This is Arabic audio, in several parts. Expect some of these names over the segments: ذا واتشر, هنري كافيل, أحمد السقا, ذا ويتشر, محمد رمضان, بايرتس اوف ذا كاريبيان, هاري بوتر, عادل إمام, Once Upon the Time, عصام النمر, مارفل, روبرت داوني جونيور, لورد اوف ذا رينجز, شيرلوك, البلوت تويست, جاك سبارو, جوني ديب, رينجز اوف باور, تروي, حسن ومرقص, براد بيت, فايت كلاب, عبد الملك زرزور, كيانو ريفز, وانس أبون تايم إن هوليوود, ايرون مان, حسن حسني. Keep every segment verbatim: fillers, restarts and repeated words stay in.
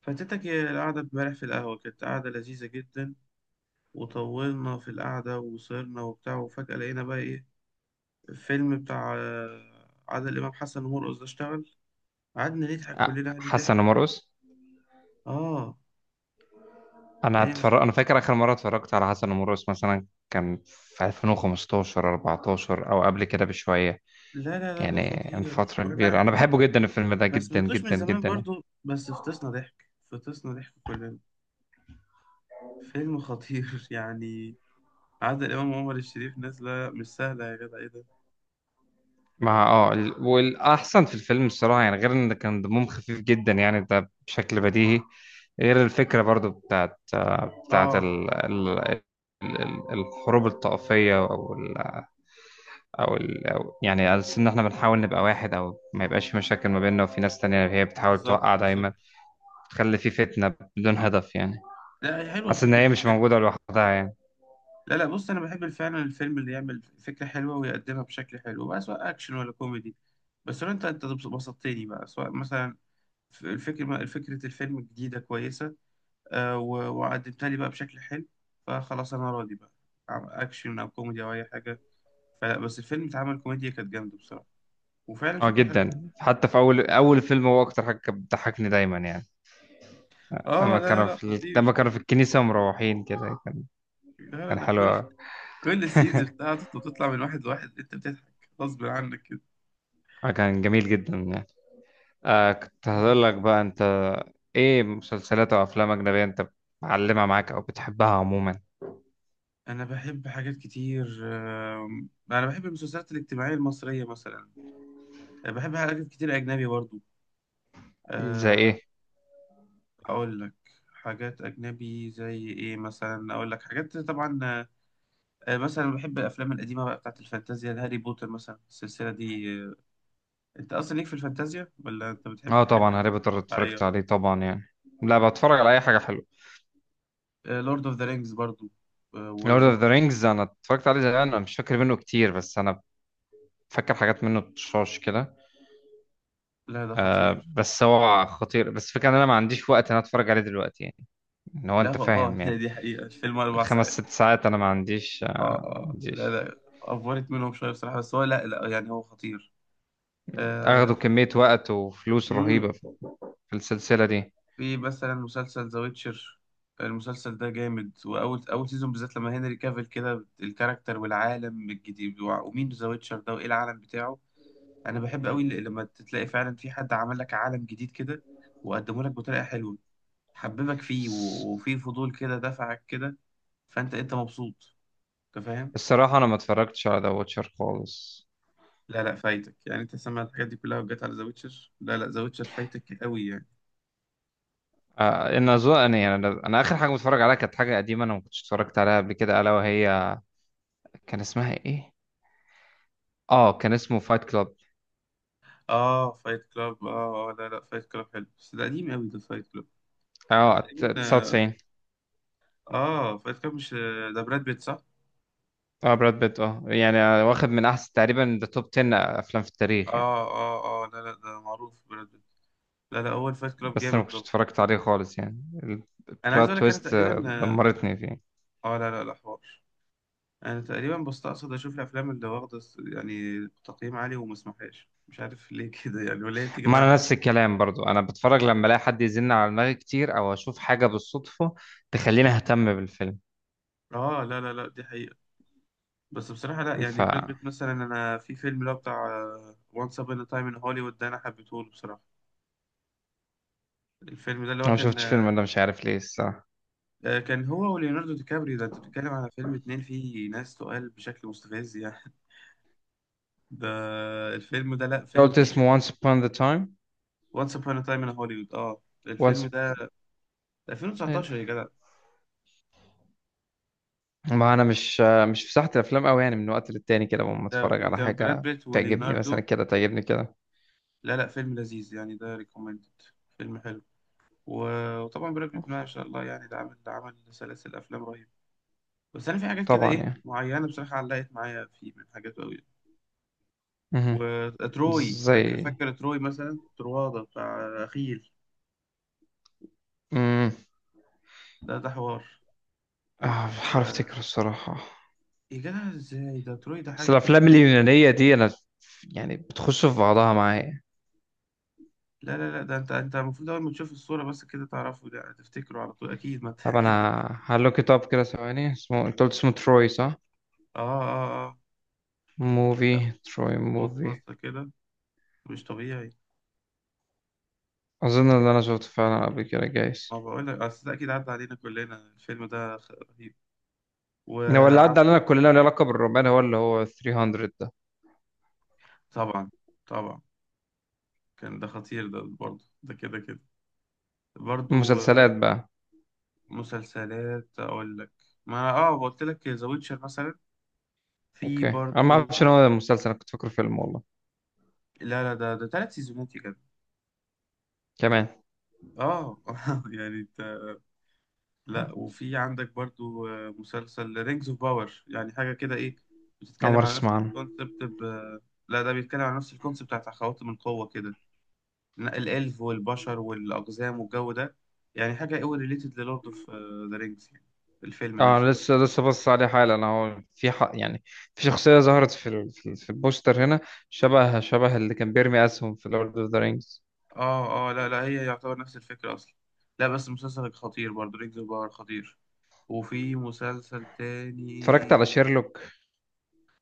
فاتتك القعدة امبارح في القهوة، كانت قعدة لذيذة جدا. وطولنا في القعدة وصرنا وبتاع، وفجأة لقينا بقى إيه؟ الفيلم بتاع آه، عادل إمام، حسن ومرقص ده اشتغل. قعدنا نضحك آه، كلنا عليه حسن ضحك. ومرقص. آه. انا تلاقيه مش- اتفرج انا فاكر اخر مره اتفرجت على حسن ومرقص مثلا كان في الفين وخمستاشر، اربعة عشر، او قبل كده بشويه، لا لا لا، ده يعني من خطير. فتره وأنا كبيره. انا بحبه جدا الفيلم ده، ما جدا سمعتوش من جدا زمان جدا يعني. برضو، بس فطسنا ضحك، فطسنا ضحك كلنا. فيلم خطير يعني. عادل إمام وعمر الشريف نازلة مش سهلة، يا جدع إيه ده؟ مع اه ال- والاحسن في الفيلم الصراحه، يعني غير ان كان دمهم خفيف جدا يعني ده بشكل بديهي. غير الفكره برضو بتاعت آه، بتاعت آه، ال... ال... ال- الحروب الطائفيه، او ال... أو يعني على أساس ان احنا بنحاول نبقى واحد او ما يبقاش في مشاكل ما بيننا، وفي ناس تانية هي بتحاول بالظبط توقع بالظبط. دايما، تخلي في فتنة بدون هدف يعني. لا، هي حلوة حاسس ان فكرة هي مش الفيلم. موجودة لوحدها يعني. لا لا، بص، انا بحب فعلا الفيلم اللي يعمل فكره حلوه ويقدمها بشكل حلو بقى، سواء اكشن ولا كوميدي. بس لو انت انت بسطتني بقى، سواء مثلا الفكره فكره الفيلم جديده كويسه، آه، و- وقدمتها لي بقى بشكل حلو، فخلاص انا راضي بقى. عم- اكشن او كوميدي او اي حاجه. فلا، بس الفيلم اتعمل كوميديا كانت جامده بصراحه، وفعلا اه فكره حلوه. جدا، حتى في اول اول فيلم هو اكتر حاجة كانت بتضحكني دايما يعني اه، لما لا لا كانوا لا، في لما خطير. كانوا في الكنيسة ومروحين كده، كان لا لا، كان ده حلو كل أوي. كل السينز بتاعته بتطلع من واحد لواحد، انت بتضحك غصب عنك كده. آه، كان جميل جدا يعني. آه كنت هقول لك بقى انت ايه مسلسلات او افلام اجنبية انت معلمة معاك او بتحبها عموما؟ انا بحب حاجات كتير. آم، انا بحب المسلسلات الاجتماعيه المصريه مثلا، بحب حاجات كتير اجنبي برضو، زي آه. ايه؟ اقول لك حاجات اجنبي زي ايه، مثلا اقول لك حاجات. طبعا، آه، مثلا بحب الافلام القديمه بقى بتاعت الفانتازيا. هاري بوتر مثلا السلسله دي، آه. انت اصلا ليك في الفانتازيا ولا انت بتحب اه الحاجات طبعا هاري بوتر اتفرجت الواقعيه؟ عليه طبعا يعني. لا بتفرج على اي حاجه حلوه. لورد اوف ذا رينجز برضو، آه، لورد وذا اوف ذا هوبيت. رينجز انا اتفرجت عليه زمان، انا مش فاكر منه كتير بس انا فاكر حاجات منه بتشاش كده. لا، ده آه، خطير. بس هو خطير، بس فكرة ان انا ما عنديش وقت ان انا اتفرج عليه دلوقتي يعني، ان هو لا انت هو- اه فاهم يعني. دي حقيقه، الفيلم اربع خمس ساعات ست ساعات انا ما عنديش، آه، اه ما اه، لا عنديش. لا، افورت منهم شويه بصراحه، بس هو لا لا، يعني هو خطير. آه. اخدوا في كمية وقت وفلوس مم. رهيبة في في السلسلة دي. في مثلا مسلسل ذا ويتشر. المسلسل ده جامد، واول اول سيزون بالذات، لما هنري كافيل كده الكاركتر والعالم الجديد، وع- ومين ذا ويتشر ده وايه العالم بتاعه. انا بحب قوي ل- لما تلاقي فعلا في حد عمل لك عالم جديد كده وقدمه لك بطريقه حلوه، حببك فيه، الص- و- وفي فضول كده دفعك كده. فانت انت مبسوط، انت فاهم. الصراحة انا ما اتفرجتش على ذا واتشر خالص. لا لا، فايتك يعني، انت سمع الحاجات دي كلها وجت على ذا ويتشر؟ لا لا، ذا ويتشر فايتك قوي يعني. آه، ان اظن يعني انا أنا اخر حاجة متفرج عليها كانت حاجة قديمة انا ما كنتش اتفرجت عليها قبل كده الا وهي، كان اسمها ايه؟ اه كان اسمه فايت كلاب. اه، فايت كلاب. اه اه، لا لا، فايت كلاب حلو بس ده قديم قوي ده، فايت كلاب ده اه ت- تقريبا. تسعة وتسعين. اه، فايت كلاب، مش ده براد بيت؟ صح. اه براد بيت، اه يعني، آه، واخد من احسن، تقريبا ده توب عشرة افلام في التاريخ يعني. اه اه اه، لا لا، ده معروف براد بيت. لا لا، اول فايت كلاب بس انا جامد ما كنتش طبعا. اتفرجت عليه خالص يعني. انا عايز اقول البلوت لك، انا تويست آه، تقريبا اه، دمرتني فيه. آه، لا لا لا، حوار. انا تقريبا بستقصد اشوف الافلام اللي واخده س- يعني تقييم عالي، وما اسمحهاش مش عارف ليه كده يعني، ولا هي بتيجي ما معايا انا حظ. نفس الكلام برضو، انا بتفرج لما الاقي حد يزن على دماغي كتير او اشوف حاجه بالصدفه تخليني اهتم بالفيلم. اه، لا لا لا، دي حقيقة. بس بصراحة لا، ف يعني براد انا بيت مثلا، أنا في فيلم اللي هو بتاع وانس أبون تايم إن هوليوود ده، أنا حبيته له بصراحة. الفيلم ده اللي هو ما كان، شفتش فيلم، انا مش عارف ليه الصراحه. آه، كان هو وليوناردو دي كابريو ده. أنت بتتكلم على فيلم اتنين فيه ناس تقال بشكل مستفز يعني ده الفيلم ده، لا، أنت فيلم قلت تقيل. اسمه Once Upon the Time؟ وانس أبون تايم إن هوليوود، أه. الفيلم Once. ده ألفين وتسعتاشر يا جدع. ما انا مش مش في ساحة الافلام قوي يعني، من وقت للتاني كده لما ده اتفرج ب- على كان براد حاجة بيت تعجبني وليوناردو. مثلا كده، تعجبني كده، لا لا، فيلم لذيذ يعني، ده ريكومندد، فيلم حلو. و- وطبعا براد بيت ما شاء الله يعني، ده عمل عمل سلاسل أفلام رهيبة. بس انا في حاجات كده طبعا ايه يعني. معينه بصراحه علقت معايا، في من حاجات قوي. مهم. وتروي، فاكر زي فاكر تروي؟ مثلا ترواده بتاع اخيل، امم ده ده حوار. آه، مش عارف و... افتكر الصراحة. يا جدع ازاي، ده تروي ده بس حاجه كده. الافلام اليونانية دي انا يعني بتخش في بعضها معايا. لا لا لا، ده انت انت المفروض اول ما تشوف الصوره بس كده تعرفه، ده تفتكره على طول اكيد، ما انت طب انا اكيد سمعت. هلوك ات اب كده ثواني، اسمه انت قلت اسمه تروي صح؟ اه اه اه، موفي لا. تروي خد موفي. بصه كده، مش طبيعي. اظن ان انا شفته فعلا قبل كده جايز. ما بقول لك، اصل ده اكيد عدى علينا كلنا، الفيلم ده خ- رهيب. إن هو اللي وعم، عدى علينا كلنا له علاقة بالرومان هو اللي هو ثلاث ميه ده. طبعا طبعا. كان ده خطير ده برضه، ده كده كده برضو، آه. المسلسلات بقى. مسلسلات اقول لك. ما اه، قلت لك ذا ويتشر مثلا، في اوكي انا ما برضو. اعرفش ان هو مسلسل، أنا كنت فاكره فيلم والله. لا لا، ده ده ثلاث سيزونات يا جدع. كمان، اه يعني انت. لا، وفي عندك برضو، آه، مسلسل رينجز اوف باور يعني حاجه كده ايه، اول بتتكلم مره على نفس اسمع عنه. الكونسبت ب... لا، ده بيتكلم على نفس الكونسبت بتاعت خواتم القوه كده، ن- الالف والبشر والاقزام والجو ده يعني، حاجه قوي ريليتد للورد اوف ذا رينجز يعني، الفيلم اه نفسه. لسه لسه بص عليه حالا انا، هو في حق يعني. في شخصيه ظهرت في ال- في, ال- في البوستر هنا، شبه شبه اللي كان بيرمي اسهم في لورد اوف ذا رينجز. اه اه، لا لا، هي يعتبر نفس الفكرة أصلا. لا بس مسلسل خطير برضه، رينج باور خطير. وفي مسلسل اتفرجت تاني. على شيرلوك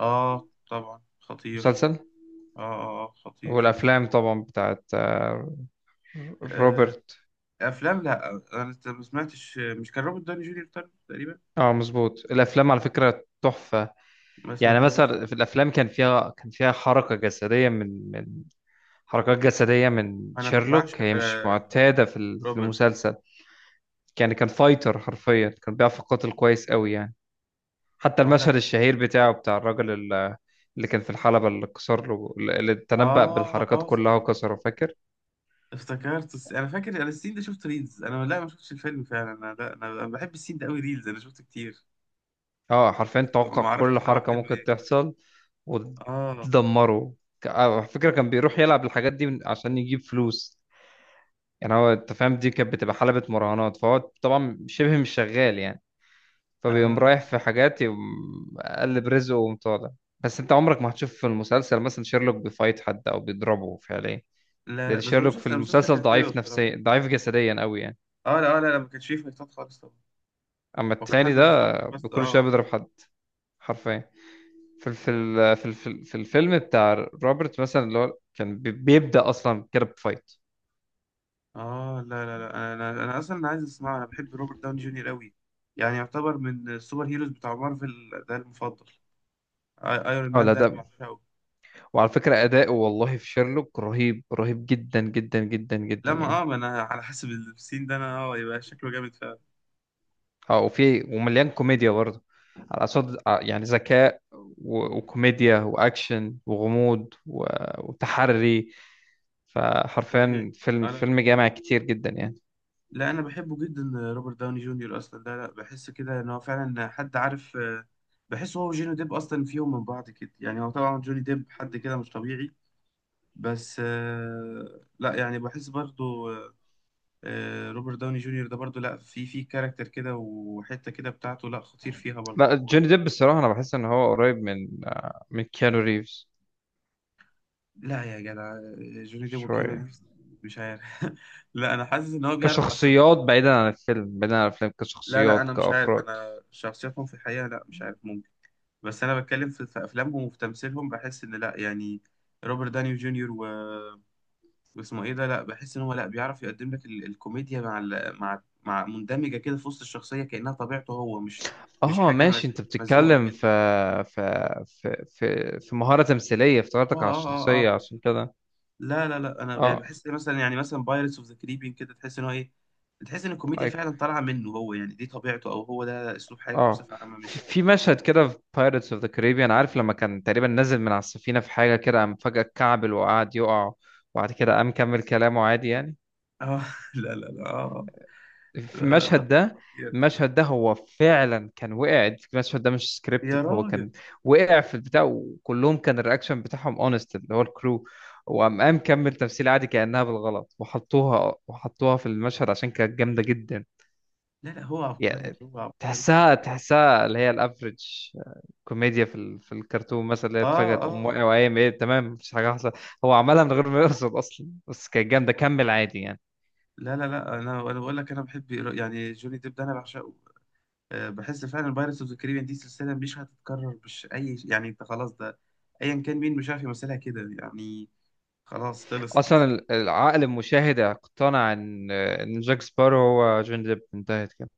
اه طبعا خطير. مسلسل. اه اه، آه، خطير. والافلام طبعا بتاعت آه، آه، روبرت. أفلام. لا أنا ت- ما سمعتش، مش كان روبرت داني جونيور تاني تقريبا؟ اه مظبوط، الافلام على فكره تحفه ما يعني. سمعتهاش. مثلا في الافلام كان فيها كان فيها حركه جسديه من من حركات جسديه من أنا ب- شيرلوك بعشق هي مش آه، معتاده في ال- في روبرت. المسلسل يعني. كان فايتر، حرفيا كان بيعرف يقاتل كويس قوي يعني. حتى اه، لا. المشهد الشهير بتاعه بتاع الراجل ال- اللي كان في الحلبة اللي كسر له، اللي تنبأ اه بالحركات اه، صح كلها صح. وكسره، فاكر؟ افتكرت الس- انا فاكر انا السين ده، شفت ريلز انا، لا ما شفتش الفيلم فعلا انا. لا، انا أنا بحب السين ده قوي، ريلز انا شفته كتير. اه حرفيا بس توقع ما اعرفش كل تبع حركة فيلم ممكن إيه. تحصل اه ودمره. ك- آه، على فكرة كان بيروح يلعب الحاجات دي من- عشان يجيب فلوس يعني، هو انت فاهم، دي كانت بتبقى حلبة مراهنات فهو طبعا شبه مش شغال يعني، فبيقوم اه، رايح في حاجات يقوم قلب رزقه وقوم طالع. بس انت عمرك ما هتشوف في المسلسل مثلا شيرلوك بيفايت حد او بيضربه فعليا، لا لا، لان بس هو شيرلوك في المسلسل، المسلسل المسلسل كان حلو ضعيف بصراحة. نفسيا، ضعيف جسديا قوي يعني. اه لا، آه، لا لا، ما كانش فيه فايتات خالص طبعا. اما هو كان حد التاني ده بيفكر بس، بكل اه شويه اه، بيضرب حد، حرفيا. في في ال- في ال- في ال- في الفيلم بتاع روبرت مثلا، اللي هو كان بي- بيبدأ اصلا كده بفايت. آه، لا لا لا، انا انا أنا اصلا عايز اسمعه. انا بحب روبرت داوني جونيور قوي، يعني يعتبر من السوبر هيروز بتاع مارفل ده المفضل. آي- ايرون اه مان لا ده انا ده. بعشقه. وعلى فكره اداؤه والله في شيرلوك رهيب، رهيب جدا جدا جدا جدا لا، ما اه يعني. ما انا على حسب السين ده انا، اه، يبقى شكله جامد فعلا. اه، وفي ومليان كوميديا برضه، على صد ع- يعني ذكاء، و- وكوميديا واكشن وغموض، و- وتحري، طبيعي. فحرفيا فيلم، اه، لا فيلم جامع كتير جدا يعني. لا، انا بحبه جدا. روبرت داوني جونيور اصلا، لا لا، بحس كده ان هو فعلا حد عارف، آه. بحس هو وجوني ديب اصلا فيهم من بعض كده يعني، هو طبعا جوني ديب حد كده مش طبيعي. بس آه، لا يعني بحس برضو، آه، آه، روبرت داوني جونيور ده برضو، لا في في كاركتر كده وحتة كده بتاعته، لا خطير فيها برضو. لا جوني ديب الصراحة انا بحس ان هو قريب من آه، من كيانو ريفز لا يا جدع، آه، جوني ديب وكيانو شوية. ريفز؟ مش عارف لا انا حاسس ان هو بيعرف اصلا. كشخصيات بعيدا عن الفيلم، بعيدا عن الفيلم، لا لا، كشخصيات انا مش عارف كأفراد. انا شخصياتهم في الحقيقة، لا مش عارف، بس انا بتكلم في في افلامهم وفي تمثيلهم، بحس ان لا يعني روبرت دانيو جونيور و... واسمه ايه ده، لا بحس ان هو لا بيعرف يقدم لك ال... الكوميديا مع ال... مع مع مندمجه كده في وسط الشخصيه كانها طبيعته هو، مش مش اه حاجه ماشي، مز... انت مزقوقه بتتكلم في كده. في في في, في مهارة تمثيلية، اه افتكرتك على اه اه الشخصية اه، عشان كده. لا لا لا، انا يعني اه بحس، مثلا يعني مثلا بايرتس اوف ذا كاريبيان كده، تحس ان هو ايه، تحس ان الكوميديا like فعلا طالعه منه هو يعني، دي طبيعته او هو ده اسلوب حياته اه بصفه عامه في مش. في مشهد كده في بايرتس اوف ذا كاريبيان، عارف لما كان تقريبا نازل من على السفينه في حاجه كده، قام فجاه اتكعبل وقعد يقع، وبعد كده قام كمل كلامه عادي يعني. اه لا لا لا، آه. آه. في لا لا، ده المشهد ده، خطير. المشهد ده هو فعلا كان وقع، المشهد ده مش يا سكريبتد، هو راجل. كان وقع في البتاع وكلهم كان الرياكشن بتاعهم اونست، اللي هو الكرو، وقام قام كمل تمثيل عادي كأنها بالغلط، وحطوها وحطوها في المشهد عشان كانت جامدة جدا لا لا، هو عبقري، يعني. هو عبقري تحسها بصراحة. تحسها اللي هي الافريج كوميديا في ال... في الكرتون مثلا، اللي هي اه اتفاجئت تقوم اه، واقع وقايم ايه تمام مفيش حاجه حصلت. هو عملها من غير ما يقصد اصلا بس كانت جامده كمل عادي يعني. لا لا لا، انا انا بقول لك، انا بحب يعني جوني ديب ده انا بعشقه، آه، بحس فعلا بايرتس اوف ذا كاريبيان دي سلسلة مش هتتكرر، مش اي يعني، انت خلاص ده ايا كان مين مش عارف يمثلها كده يعني، خلاص اصلا خلصت. ال- العقل المشاهد اقتنع ان ان جاك سبارو هو جوني ديب، انتهت كده،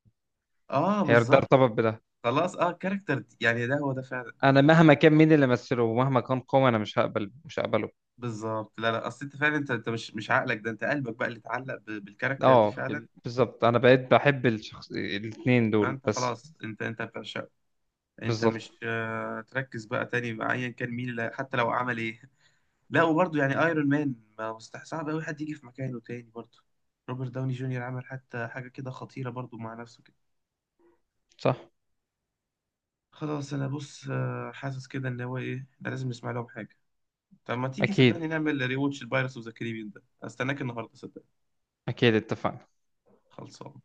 اه هي ده بالظبط. ارتبط بده. خلاص اه كاركتر، يعني ده هو ده فعلا. انا مهما كان مين اللي مثله، ومهما كان قوي، انا مش هقبل مش هقبله. بالظبط، لا لا، اصل انت فعلا انت انت مش مش عقلك ده، انت قلبك بقى اللي اتعلق ب- بالكاركتر دي اه فعلا. بال- بالظبط انا بقيت بحب الشخص، الاتنين دول فانت بس. خلاص، انت انت بتعشقه، انت بالظبط. مش آه، تركز بقى تاني مع ايا كان مين اللي حتى لو عمل ايه. لا، وبرضه يعني ايرون مان ما مستح، صعب قوي حد يجي في مكانه تاني برضه. روبرت داوني جونيور عمل حتى حاجه كده خطيره برضه مع نفسه كده. صح. خلاص، انا بص، آه، حاسس كده ان هو ايه، ده لازم نسمع لهم حاجه. طب ما تيجي صدقني اكيد، نعمل ريواتش البايرتس اوف ذا كاريبيان ده، استناك النهارده صدقني. اكيد اتفقنا. خلصان.